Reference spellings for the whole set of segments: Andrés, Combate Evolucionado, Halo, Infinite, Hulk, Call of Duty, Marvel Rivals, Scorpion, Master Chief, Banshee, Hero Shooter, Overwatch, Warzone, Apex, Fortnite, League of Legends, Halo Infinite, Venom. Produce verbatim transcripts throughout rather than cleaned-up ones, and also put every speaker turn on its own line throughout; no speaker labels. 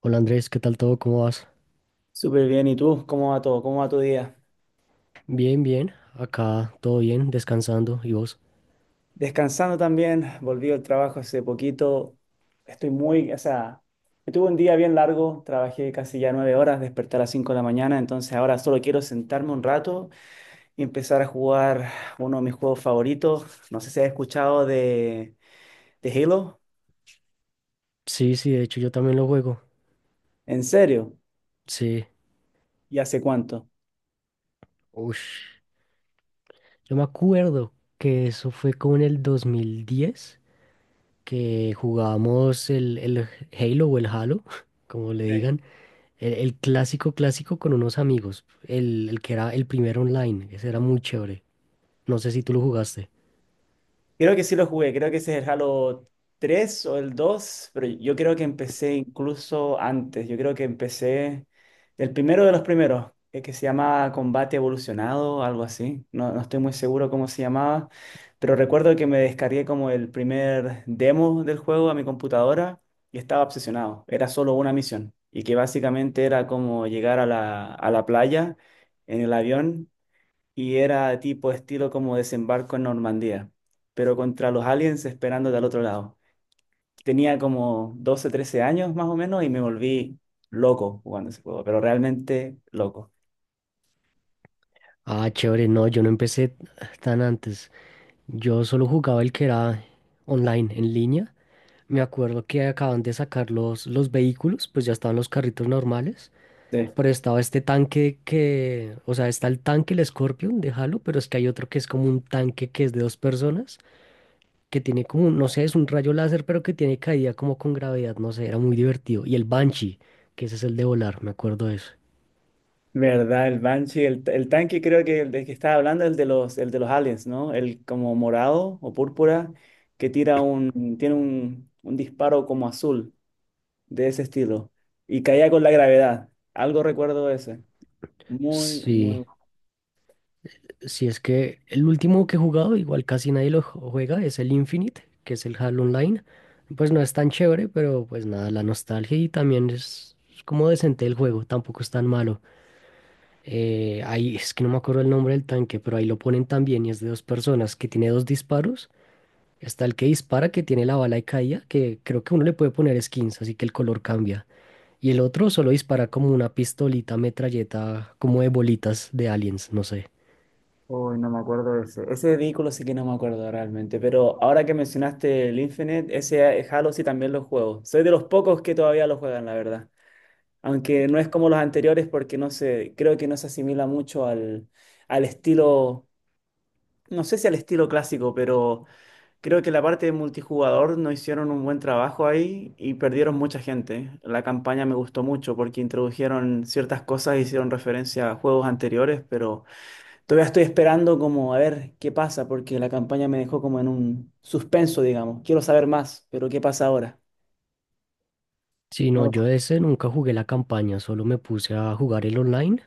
Hola Andrés, ¿qué tal todo? ¿Cómo vas?
Súper bien, ¿y tú? ¿Cómo va todo? ¿Cómo va tu día?
Bien, bien. Acá todo bien, descansando. ¿Y vos?
Descansando también, volví al trabajo hace poquito. Estoy muy, o sea, me tuve un día bien largo, trabajé casi ya nueve horas, desperté a las cinco de la mañana, entonces ahora solo quiero sentarme un rato y empezar a jugar uno de mis juegos favoritos. No sé si has escuchado de, de Halo.
Sí, sí, de hecho yo también lo juego.
¿En serio?
Sí.
¿Y hace cuánto?
Ush. Yo me acuerdo que eso fue como en el dos mil diez que jugábamos el, el Halo o el Halo, como le
Sí.
digan. El, el clásico clásico con unos amigos. El, el que era el primer online. Ese era muy chévere. No sé si tú lo jugaste.
Creo que sí lo jugué, creo que ese es el Halo tres o el dos, pero yo creo que empecé incluso antes, yo creo que empecé el primero de los primeros, eh, que se llama Combate Evolucionado, algo así, no, no estoy muy seguro cómo se llamaba, pero recuerdo que me descargué como el primer demo del juego a mi computadora y estaba obsesionado, era solo una misión y que básicamente era como llegar a la, a la playa en el avión y era tipo estilo como desembarco en Normandía, pero contra los aliens esperando del otro lado. Tenía como doce trece años más o menos y me volví loco jugando ese juego, pero realmente loco.
Ah, chévere. No, yo no empecé tan antes. Yo solo jugaba el que era online, en línea. Me acuerdo que acaban de sacar los, los vehículos, pues ya estaban los carritos normales,
De
pero estaba este tanque que, o sea, está el tanque, el Scorpion de Halo, pero es que hay otro que es como un tanque que es de dos personas, que tiene como, un- no sé, es un rayo láser, pero que tiene caída como con gravedad, no sé, era muy divertido. Y el Banshee, que ese es el de volar, me acuerdo de eso.
verdad, el Banshee, el, el tanque creo que el de que estaba hablando, el de los, el de los aliens, ¿no? El como morado o púrpura que tira un, tiene un, un disparo como azul de ese estilo y caía con la gravedad. Algo recuerdo de ese. Muy,
Sí.
muy.
Si es que el último que he jugado, igual casi nadie lo ju- juega, es el Infinite, que es el Halo Online. Pues no es tan chévere, pero pues nada, la nostalgia y también es como decente el juego, tampoco es tan malo. Eh, ahí es que no me acuerdo el nombre del tanque, pero ahí lo ponen también y es de dos personas que tiene dos disparos. Está el que dispara, que tiene la bala de caída, que creo que uno le puede poner skins, así que el color cambia. Y el otro solo dispara como una pistolita, metralleta, como de bolitas de aliens, no sé.
Uy, no me acuerdo de ese. Ese vehículo sí que no me acuerdo realmente, pero ahora que mencionaste el Infinite, ese eh, Halo sí también lo juego. Soy de los pocos que todavía lo juegan, la verdad. Aunque no es como los anteriores porque no sé, creo que no se asimila mucho al, al estilo, no sé si al estilo clásico, pero creo que la parte de multijugador no hicieron un buen trabajo ahí y perdieron mucha gente. La campaña me gustó mucho porque introdujeron ciertas cosas, hicieron referencia a juegos anteriores, pero... Todavía estoy esperando como a ver qué pasa, porque la campaña me dejó como en un suspenso, digamos. Quiero saber más, pero ¿qué pasa ahora?
Sí,
No
no,
lo
yo
sé.
de ese nunca jugué la campaña, solo me puse a jugar el online.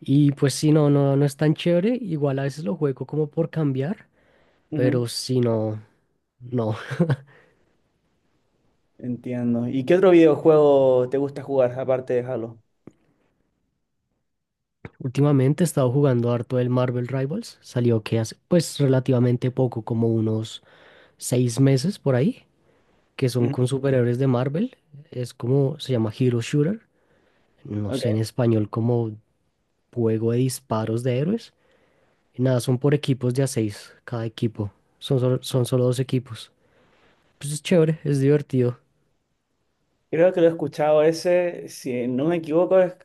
Y pues sí, no, no, no es tan chévere. Igual a veces lo juego como por cambiar,
Ujú.
pero sí, no, no.
Entiendo. ¿Y qué otro videojuego te gusta jugar aparte de Halo?
Últimamente he estado jugando harto el Marvel Rivals. Salió que hace pues relativamente poco, como unos seis meses por ahí, que son
Ujú,
con superhéroes de Marvel. Es como, se llama Hero Shooter. No sé
ok.
en español como juego de disparos de héroes. Y nada, son por equipos de a seis, cada equipo. Son, solo- son solo dos equipos. Pues es chévere, es divertido.
Creo que lo he escuchado ese, si no me equivoco, es-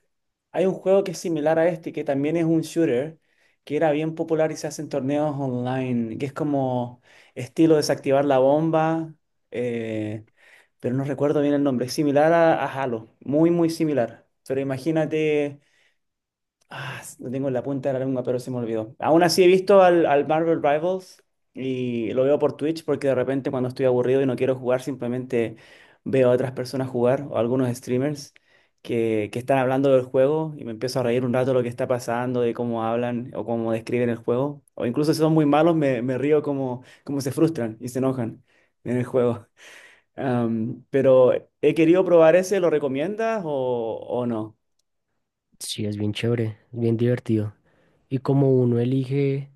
hay un juego que es similar a este, que también es un shooter, que era bien popular y se hacen torneos online, que es como estilo desactivar la bomba, eh, pero no recuerdo bien el nombre, es similar a, a Halo, muy, muy similar. Pero imagínate. Ah, lo tengo en la punta de la lengua, pero se me olvidó. Aún así he visto al, al Marvel Rivals y lo veo por Twitch porque de repente cuando estoy aburrido y no quiero jugar, simplemente veo a otras personas jugar o algunos streamers que, que están hablando del juego y me empiezo a reír un rato de lo que está pasando, de cómo hablan o cómo describen el juego. O incluso si son muy malos, me, me río como, como se frustran y se enojan en el juego. Am, pero he querido probar ese, ¿lo recomiendas o, o no?
Sí, es bien chévere, es bien divertido. Y como uno elige,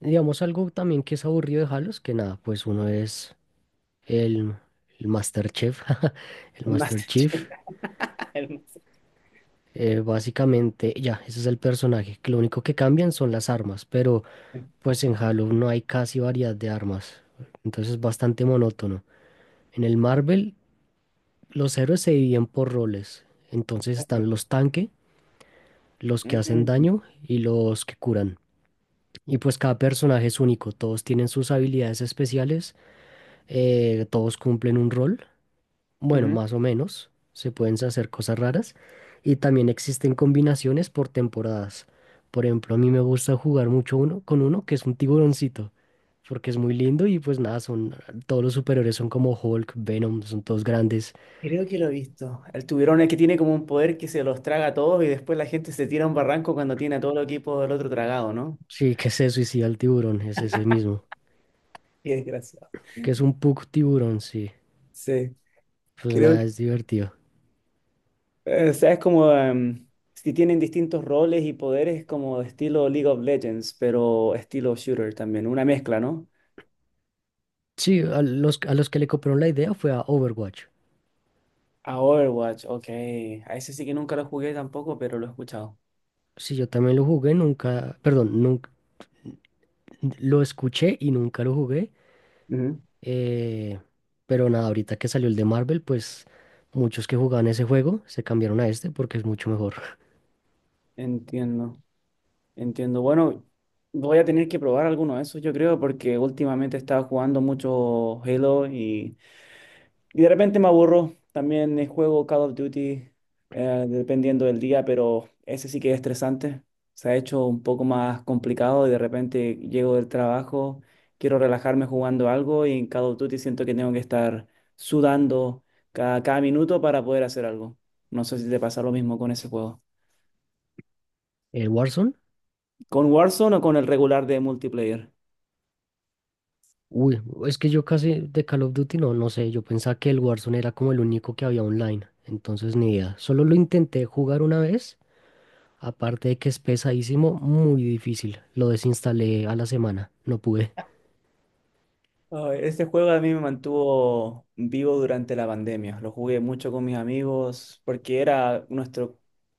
digamos, algo también que es aburrido de Halos, que nada, pues uno es el, el Master Chef, el
El
Master
Master
Chief.
Chief. El Master
Eh, básicamente, ya, ese es el personaje que Lo único que cambian son las armas, pero pues en Halo no hay casi variedad de armas. Entonces es bastante monótono. En el Marvel, los héroes se dividen por roles. Entonces
Chief.
están los tanque, los que hacen
Mm,
daño y los que curan. Y pues cada personaje es único, todos tienen sus habilidades especiales, eh, todos cumplen un rol, bueno,
ujú.
más o menos, se pueden hacer cosas raras y también existen combinaciones por temporadas. Por ejemplo, a mí me gusta jugar mucho uno con uno que es un tiburoncito, porque es muy lindo y pues nada, son todos los superiores son como Hulk, Venom, son todos grandes.
Creo que lo he visto. El tiburón es que tiene como un poder que se los traga a todos y después la gente se tira a un barranco cuando tiene a todo el equipo del otro tragado, ¿no?
Sí, que se suicida el tiburón, es ese mismo,
Qué desgraciado.
que es un pug tiburón, sí.
Sí,
Pues
creo
nada,
que...
es divertido.
eh, O sea, es como... em, si tienen distintos roles y poderes como estilo League of Legends, pero estilo shooter también, una mezcla, ¿no?
Sí, a los, a los que le copiaron la idea fue a Overwatch.
A Overwatch, ok. A ese sí que nunca lo jugué tampoco, pero lo he escuchado.
Sí, yo también lo jugué, nunca, perdón, nunca lo escuché y nunca lo jugué.
Ujú.
Eh, pero nada, ahorita que salió el de Marvel, pues muchos que jugaban ese juego se cambiaron a este porque es mucho mejor.
Entiendo. Entiendo. Bueno, voy a tener que probar alguno de esos, yo creo, porque últimamente estaba jugando mucho Halo y, y de repente me aburro. También eh, juego Call of Duty, eh, dependiendo del día, pero ese sí que es estresante. Se ha hecho un poco más complicado y de repente llego del trabajo, quiero relajarme jugando algo y en Call of Duty siento que tengo que estar sudando cada, cada minuto para poder hacer algo. No sé si te pasa lo mismo con ese juego.
El Warzone,
¿Con Warzone o con el regular de multiplayer?
uy, es que yo casi de Call of Duty no, no sé, yo pensaba que el Warzone era como el único que había online, entonces ni idea. Solo lo intenté jugar una vez, aparte de que es pesadísimo, muy difícil. Lo desinstalé a la semana, no pude.
Ay, este juego a mí me mantuvo vivo durante la pandemia. Lo jugué mucho con mis amigos porque era nuestro,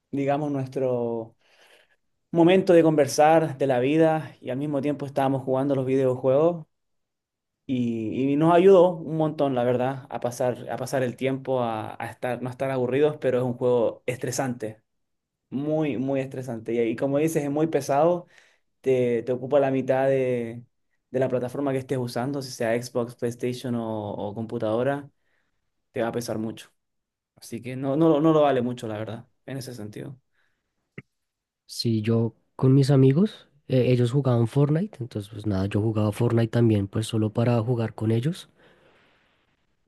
digamos, nuestro momento de conversar de la vida y al mismo tiempo estábamos jugando los videojuegos y, y nos ayudó un montón, la verdad, a pasar, a pasar el tiempo, a, a estar, no estar aburridos, pero es un juego estresante, muy, muy estresante. Y, y como dices, es muy pesado, te, te ocupa la mitad de, de la plataforma que estés usando, si sea Xbox, PlayStation o, o computadora, te va a pesar mucho. Así que no, no, no lo vale mucho, la verdad, en ese sentido.
Si yo con mis amigos, eh, ellos jugaban Fortnite, entonces pues nada, yo jugaba Fortnite también, pues solo para jugar con ellos.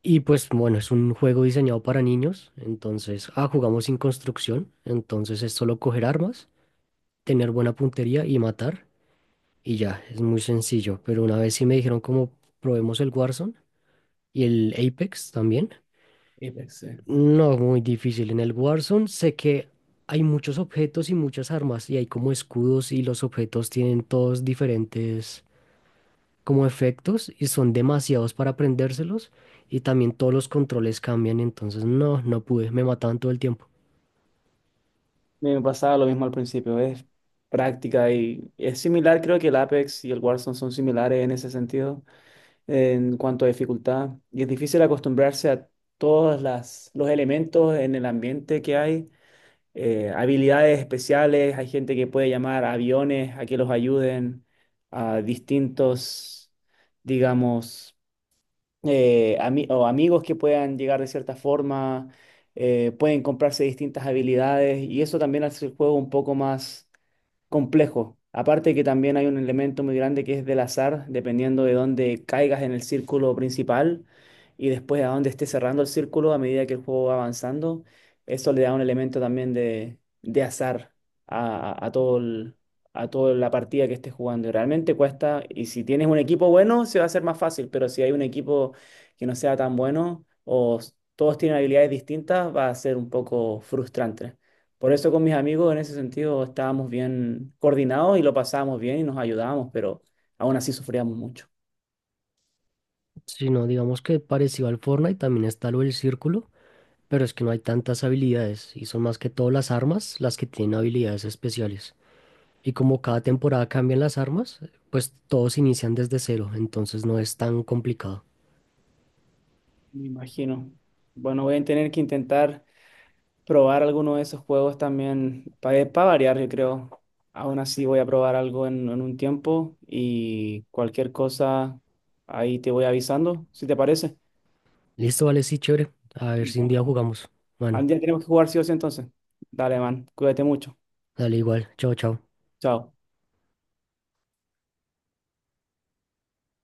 Y pues bueno, es un juego diseñado para niños, entonces, ah, jugamos sin construcción, entonces es solo coger armas, tener buena puntería y matar, y ya, es muy sencillo. Pero una vez sí me dijeron como probemos el Warzone y el Apex también.
Apex, sí.
No, muy difícil. En el Warzone sé que hay muchos objetos y muchas armas y hay como escudos y los objetos tienen todos diferentes como efectos y son demasiados para aprendérselos y también todos los controles cambian, entonces no, no pude, me mataban todo el tiempo.
Me pasaba lo mismo al principio, es práctica y es similar, creo que el Apex y el Warzone son similares en ese sentido, en cuanto a dificultad. Y es difícil acostumbrarse a todos las, los elementos en el ambiente que hay eh, habilidades especiales, hay gente que puede llamar a aviones a que los ayuden, a distintos, digamos, eh, ami- o amigos que puedan llegar de cierta forma, eh, pueden comprarse distintas habilidades y eso también hace el juego un poco más complejo. Aparte que también hay un elemento muy grande que es del azar, dependiendo de dónde caigas en el círculo principal y después a dónde estés cerrando el círculo a medida que el juego va avanzando. Eso le da un elemento también de, de azar a, a- a todo el- a toda la partida que estés jugando. Y realmente cuesta, y si tienes un equipo bueno, se va a hacer más fácil, pero si hay un equipo que no sea tan bueno o s- todos tienen habilidades distintas, va a ser un poco frustrante. Por eso con mis amigos en ese sentido estábamos bien coordinados y lo pasábamos bien y nos ayudábamos, pero aún así sufríamos mucho.
Si no, digamos que parecido al Fortnite también está lo del círculo, pero es que no hay tantas habilidades y son más que todo las armas las que tienen habilidades especiales. Y como cada temporada cambian las armas, pues todos inician desde cero, entonces no es tan complicado.
Me imagino. Bueno, voy a tener que intentar probar alguno de esos juegos también para variar, yo creo. Aún así voy a probar algo en, en un tiempo y cualquier cosa ahí te voy avisando, si te parece.
Listo, vale, sí, chévere. A ver si un día jugamos.
Al
Bueno,
día tenemos que jugar sí o sí entonces. Dale, man, cuídate mucho.
dale igual. Chao, chao.
Chao.